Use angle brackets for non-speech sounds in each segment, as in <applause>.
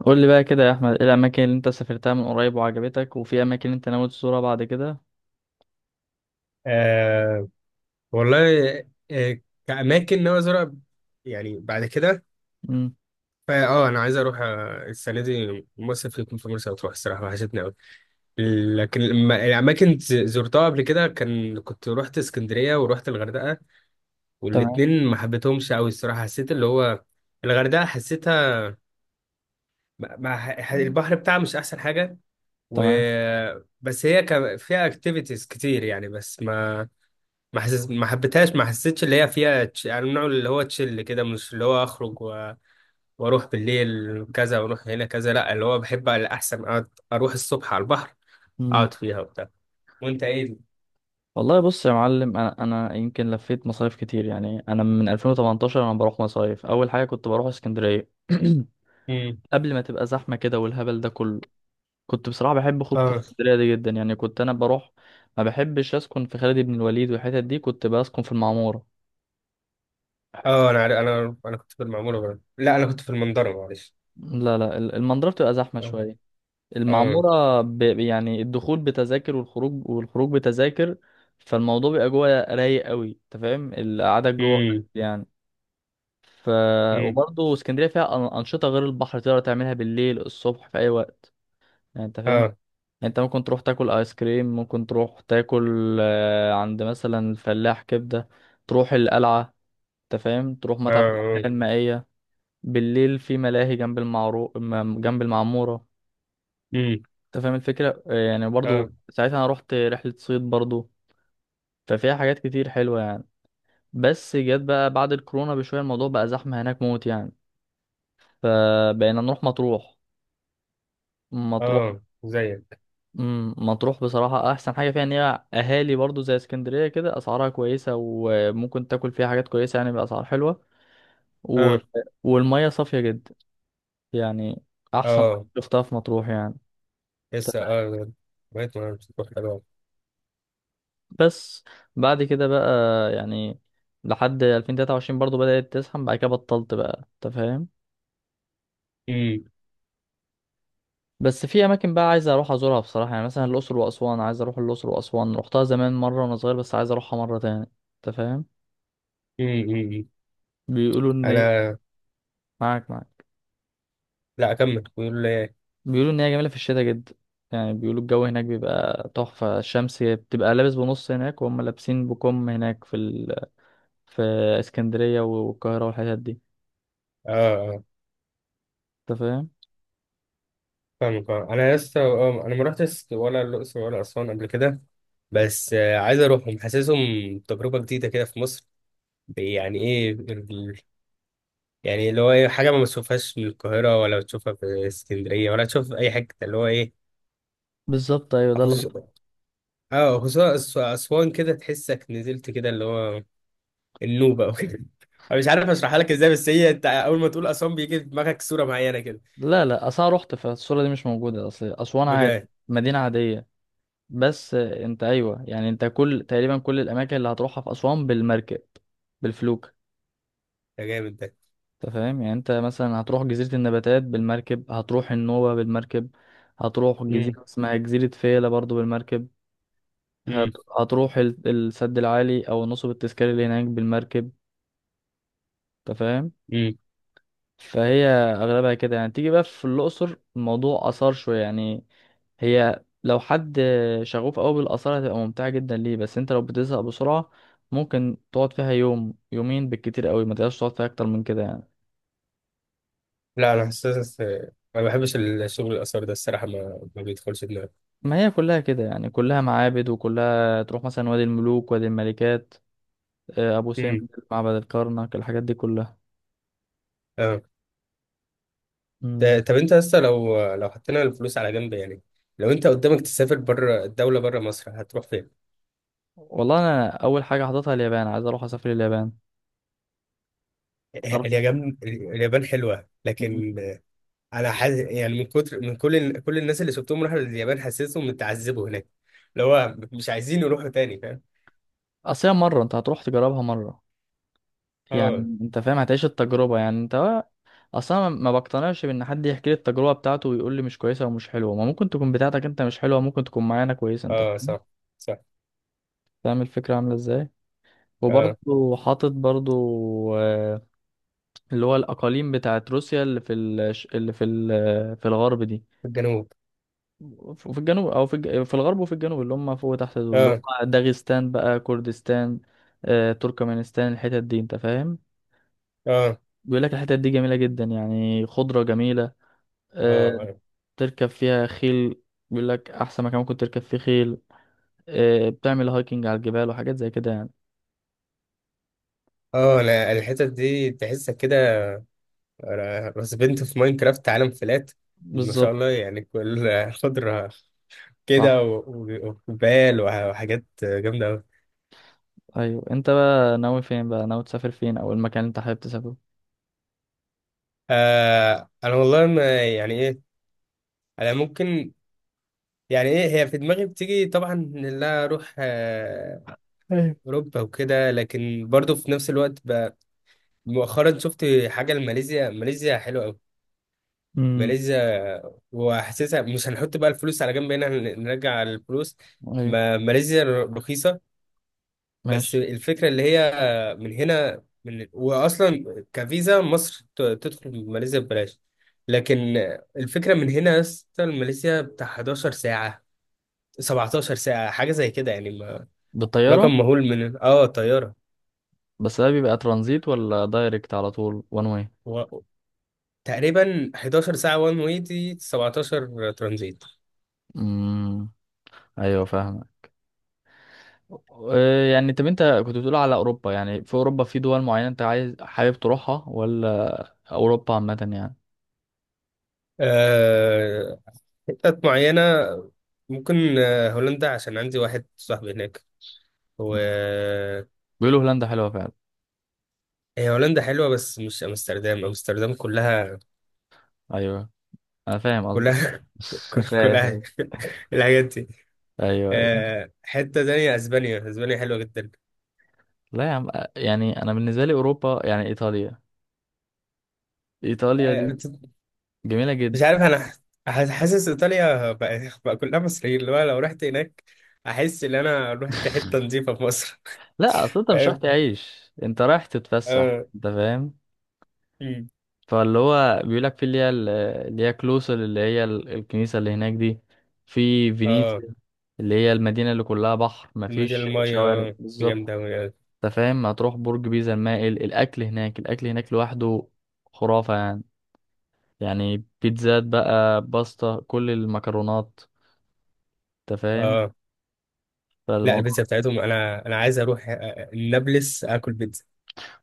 قول لي بقى كده يا احمد، ايه الاماكن اللي انت سافرتها من قريب وعجبتك، وفي اماكن انت ناوي تزورها بعد كده؟ آه. والله. آه. كأماكن ناوي أزورها يعني بعد كده. امم فا أنا عايز أروح، السنة دي مصيف يكون في مرسى مطروح، الصراحة وحشتني أوي. لكن الأماكن زرتها قبل كده، كان كنت روحت اسكندرية وروحت الغردقة. تمام والاتنين ما حبيتهمش أوي الصراحة، حسيت اللي هو الغردقة حسيتها، البحر بتاعها مش أحسن حاجة. و، تمام. بس هي كان فيها اكتيفيتيز كتير يعني، بس ما حبيتهاش، ما حسيتش اللي هي فيها يعني النوع اللي هو تشيل كده، مش اللي هو اخرج و... واروح بالليل كذا واروح هنا كذا. لا اللي هو بحب على احسن اقعد اروح الصبح على البحر، امم اقعد فيها وبتاع. وانت ايه؟ والله بص يا معلم، انا يمكن لفيت مصايف كتير. يعني انا من 2018 انا بروح مصايف. اول حاجه كنت بروح اسكندريه امم. <clears throat> قبل ما تبقى زحمه كده والهبل ده كله. كنت بصراحه بحب خروج اه، اسكندريه دي جدا. يعني كنت انا بروح، ما بحبش اسكن في خالد بن الوليد والحتت دي، كنت بسكن في المعموره. حت- اه، انا عارف- انا انا كنت في المعموره برضه. لا، انا كنت في المنظره، معلش. لا لا، المنظره بتبقى زحمه اه، شويه. اه، المعمورة يعني الدخول بتذاكر والخروج، بتذاكر، فالموضوع بيبقى جوه رايق قوي. انت فاهم القعدة جوه امم، يعني. ف امم، وبرضه اسكندرية فيها أنشطة غير البحر تقدر تعملها بالليل، الصبح، في أي وقت. يعني انت فاهم يعني، اه، انت ممكن تروح تاكل آيس كريم، ممكن تروح تاكل عند مثلا الفلاح كبدة، تروح القلعة، انت فاهم، تروح متحف اه، الأحياء المائية. بالليل في ملاهي جنب المعمورة. امم، انت فاهم الفكرة؟ يعني برضو اه، ساعتها انا رحت رحلة صيد برضو. ففيها حاجات كتير حلوة يعني. بس جت بقى بعد الكورونا بشوية، الموضوع بقى زحمة هناك موت يعني. فبقينا نروح مطروح. مطروح، اه، زيك. مم، مطروح بصراحة أحسن حاجة فيها إن هي أهالي برضو زي اسكندرية كده، أسعارها كويسة وممكن تاكل فيها حاجات كويسة يعني بأسعار حلوة. و... اه، والمية صافية جدا يعني. أحسن اه، مية شفتها في مطروح يعني. لسه اه بقيت ما بتروح حلوه. بس بعد كده بقى يعني لحد 2023 برضو بدأت تزحم، بعد كده بطلت بقى، انت فاهم. امم، بس في اماكن بقى عايز اروح ازورها بصراحة، يعني مثلا الاقصر واسوان. عايز اروح الاقصر واسوان، رحتها زمان مرة وانا صغير، بس عايز اروحها مرة تاني. انت فاهم، امم، أمم. بيقولوا ان هي، انا، معاك معاك. لا اكمل، بيقول لي ايه؟ بيقولوا ان هي جميلة في الشتاء جدا. يعني بيقولوا الجو هناك بيبقى تحفة، الشمس بتبقى لابس بنص هناك وهم لابسين بكم هناك في في اسكندرية والقاهرة والحتت دي. اه، آه، انت فاهم؟ فاهمك، آه. انا لسه، انا ما رحتش ولا الاقصر ولا اسوان قبل كده، بس عايز اروحهم، حاسسهم تجربه جديده كده في مصر. يعني ايه يعني اللي هو ايه حاجه ما بتشوفهاش من القاهره، ولا بتشوفها في اسكندريه، ولا تشوف في اي حته، اللي هو ايه؟ بالظبط، ايوه ده. خصوص اه، خصوصا اسوان، كده تحسك نزلت، كده اللي هو النوبه او كده. <laughs> أنا مش عارف اشرحها لك ازاي، بس هي انت اول ما تقول اسوان بيجي في دماغك صوره معينه كده. لا لا، اصلا رحت، فالصورة دي مش موجودة، اصل اسوان عادي، بجد؟ مدينة عادية. بس انت ايوه يعني، انت كل تقريبا كل الاماكن اللي هتروحها في اسوان بالمركب، بالفلوك. ده جامد ده. انت فاهم يعني، انت مثلا هتروح جزيرة النباتات بالمركب، هتروح النوبة بالمركب، هتروح امم، جزيرة اسمها جزيرة فيلة برضو بالمركب، إمم، السد العالي او نصب التذكاري اللي هناك بالمركب. انت فاهم. إمم. فهي اغلبها كده يعني. تيجي بقى في الاقصر، الموضوع اثار شويه يعني. هي لو حد شغوف قوي بالاثار هتبقى ممتعه جدا ليه، بس انت لو بتزهق بسرعه ممكن تقعد فيها يوم يومين بالكتير قوي، ما تقدرش تقعد فيها اكتر من كده يعني. لا، انا حاسس ما بحبش الشغل الاثار ده الصراحه، ما بيدخلش دماغي. ما هي كلها كده يعني، كلها معابد، وكلها تروح مثلا وادي الملوك، وادي الملكات، ابو امم. سمبل، معبد الكرنك، الحاجات دي كلها. اه. مم. طب انت لسه لو حطينا الفلوس على جنب يعني، لو انت قدامك تسافر بره الدوله، بره مصر، هتروح فين؟ والله انا اول حاجه حاططها اليابان، عايز اروح اسافر اليابان. تعرف- اليابان. اليابان حلوه، مم. لكن انا حاسس يعني من كتر من كل كل الناس اللي شفتهم راحوا اليابان حاسسهم متعذبوا هناك، اللي هو مش عايزين يروحوا تاني، فاهم؟ اصل هي مره، انت هتروح تجربها مره اه، يعني. انت فاهم هتعيش التجربة يعني. انت اصلا ما بقتنعش بان حد يحكي لي التجربة بتاعته ويقول لي مش كويسة ومش حلوة. ما ممكن تكون بتاعتك انت مش حلوة، ممكن تكون معانا كويسة. انت اه، فاهم صح، صح، فاهم الفكرة عاملة ازاي. اه. وبرضه حاطط برضه آه، اللي هو الأقاليم بتاعت روسيا اللي في ال... اللي في ال... آه، في الغرب دي، الجنوب. وفي الجنوب، في الغرب وفي الجنوب، اللي هم فوق وتحت دول، اللي اه، هم داغستان بقى، كردستان، تركمانستان، الحتت دي. أنت فاهم، اه، بيقول لك الحتت دي جميلة جدا يعني، خضرة جميلة، آه، اه، اه، تركب فيها خيل، بيقول لك احسن مكان ممكن تركب فيه خيل، بتعمل هايكنج على الجبال وحاجات زي كده يعني. اه. انا الحتت دي تحسك كده، انا رسبنت في ماينكرافت عالم فلات، ما شاء بالظبط. الله، يعني كل خضرة كده، صح. وجبال وحاجات جامدة أوي. ايوه انت بقى ناوي فين، بقى ناوي تسافر فين، او المكان اللي انت حابب تسافره؟ آه. أنا والله ما يعني إيه، أنا ممكن، يعني إيه، هي في دماغي بتيجي طبعا إن لا أروح ايوه. أوروبا وكده، لكن برضو في نفس الوقت مؤخرا شفت حاجة لماليزيا. ماليزيا حلوة أوي، امم ماليزيا. وحاسسها مش هنحط بقى الفلوس على جنب هنا، نرجع الفلوس. ايوه. ماليزيا رخيصة. بس ماشي. الفكرة اللي هي من هنا، من، وأصلا كفيزا مصر تدخل ماليزيا ببلاش. لكن الفكرة من هنا يا اسطى ماليزيا بتاع 11 ساعة، 17 ساعة، حاجة زي كده يعني، بالطياره؟ رقم مهول من طيارة. بس ده بيبقى ترانزيت ولا دايركت على طول وان واي؟ و... تقريبا 11 ساعة وان واي، دي 17 ترانزيت. امم ايوه فاهمك. يعني طب انت كنت بتقول على اوروبا، يعني في اوروبا في دول معينه انت عايز حابب تروحها، ولا اوروبا عامه يعني؟ آه... حتت معينة ممكن، هولندا عشان عندي واحد صاحبي هناك. و، مم. بيقولوا هولندا حلوه فعلا. هي هولندا حلوة بس مش أمستردام، أمستردام كلها، ايوه انا فاهم قصدك. <laughs> كلها، <laughs> كل فاهم فاهم. حاجة. <laughs> الحاجات دي، ايوه ايوه. حتة تانية اسبانيا، اسبانيا حلوة جدا. لا يا عم، يعني انا بالنسبه لي اوروبا يعني ايطاليا، ايطاليا دي آه، جميله مش جدا. عارف انا حاسس ايطاليا بقى كلها مصريين، اللي هو لو رحت هناك احس ان انا رحت حتة نظيفة في مصر. لا اصل انت <laughs> مش رايح فاهم. تعيش، انت رايح تتفسح. اه، انت فاهم، أمم. فاللي هو بيقول لك في اللي هي كلوسل، الكنيسه اللي هناك دي، في اه، فينيسيا، اللي هي المدينه اللي كلها بحر المدينة مفيش المية، شوارع اه، دي بالظبط. جامدة أوي. اه، انت فاهم، هتروح برج بيزا المائل، الاكل هناك، الاكل هناك لوحده خرافه يعني، يعني بيتزات بقى، باستا، كل المكرونات. انت فاهم، آه. لا، البيتزا فالموضوع بتاعتهم انا عايز اروح، نابلس اكل بيتزا.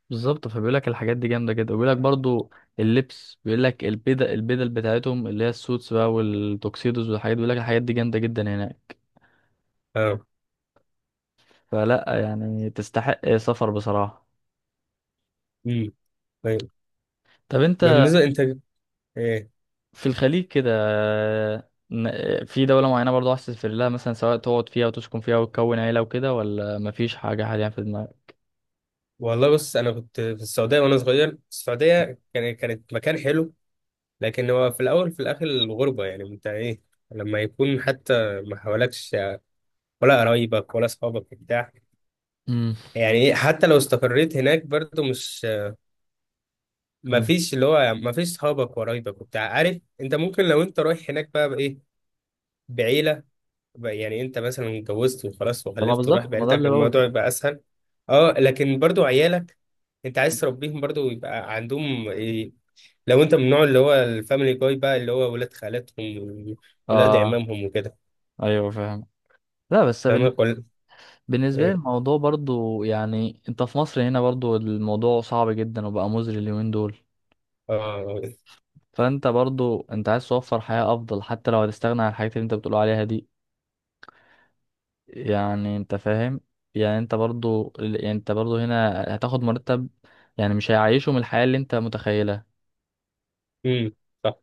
بالظبط. فبيقول لك الحاجات دي جامده جدا، وبيقول لك برضو اللبس، بيقول لك البدل، بتاعتهم اللي هي السوتس بقى والتوكسيدوز والحاجات، بيقول لك الحاجات دي جامده جدا هناك. اه، فلا يعني تستحق سفر بصراحه. أمم. طيب، طب انت، بالنسبة انت ايه؟ في الخليج كده، في دولة معينة برضو عايز تسافر لها مثلا، سواء تقعد فيها وتسكن فيها وتكون عيلة وكده، ولا مفيش حاجة حاليا في دماغك؟ والله بص انا كنت في السعوديه وانا صغير، السعوديه كان كانت مكان حلو، لكن هو في الاول في الاخر الغربه يعني، انت ايه؟ لما يكون حتى ما حوالكش ولا قرايبك ولا اصحابك بتاع، امم يعني ايه، حتى لو استقريت هناك برضو مش، ما فيش اللي هو يعني ما فيش صحابك وقرايبك وبتاع، عارف؟ انت ممكن، لو انت رايح هناك بقى بايه، بعيله بقى، يعني انت مثلا اتجوزت وخلاص طب ما وخلفت ورايح بالظبط، ما ده بعيلتك اللي بقوله. الموضوع يبقى اسهل. اه، لكن برضو عيالك انت عايز تربيهم برضو يبقى عندهم إيه، لو انت من النوع اللي هو الفاميلي جاي بقى اللي هو ولاد خالاتهم وولاد اه عمامهم وكده، ايوه فاهم. لا بس فاهمك ولا بالنسبه لي ايه؟ الموضوع برضو يعني، انت في مصر هنا برضو الموضوع صعب جدا وبقى مزري اليومين دول، اه، فانت برضو انت عايز توفر حياه افضل حتى لو هتستغنى عن الحاجات اللي انت بتقول عليها دي. يعني انت فاهم، يعني انت برضو، يعني انت برضو هنا هتاخد مرتب، يعني مش هيعيشه من الحياه اللي انت متخيلها. امم، صح.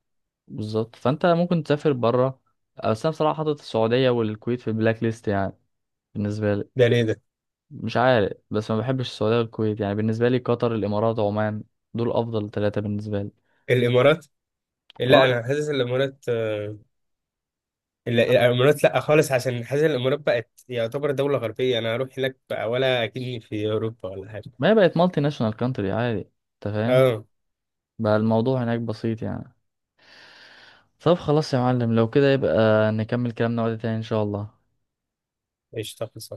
بالظبط، فانت ممكن تسافر بره. بس انا بصراحه حاطط السعوديه والكويت في البلاك ليست يعني، بالنسبه لي. ده ليه ده؟ مش عارف، بس ما بحبش السعودية والكويت. يعني بالنسبة لي قطر، الإمارات، عمان، دول أفضل ثلاثة بالنسبة لي. الامارات. اه لا، انا حاسس الامارات، لا، الامارات لا خالص عشان حاسس الامارات بقت يعتبر دولة غربية، انا هروح هناك بقى ولا اكني في اوروبا ولا حاجة. ما هي بقت مالتي ناشونال كانتري عادي. أنت فاهم، اه، بقى الموضوع هناك بسيط يعني. طب خلاص يا معلم، لو كده يبقى نكمل كلامنا وقت تاني إن شاء الله. ايش تخلص.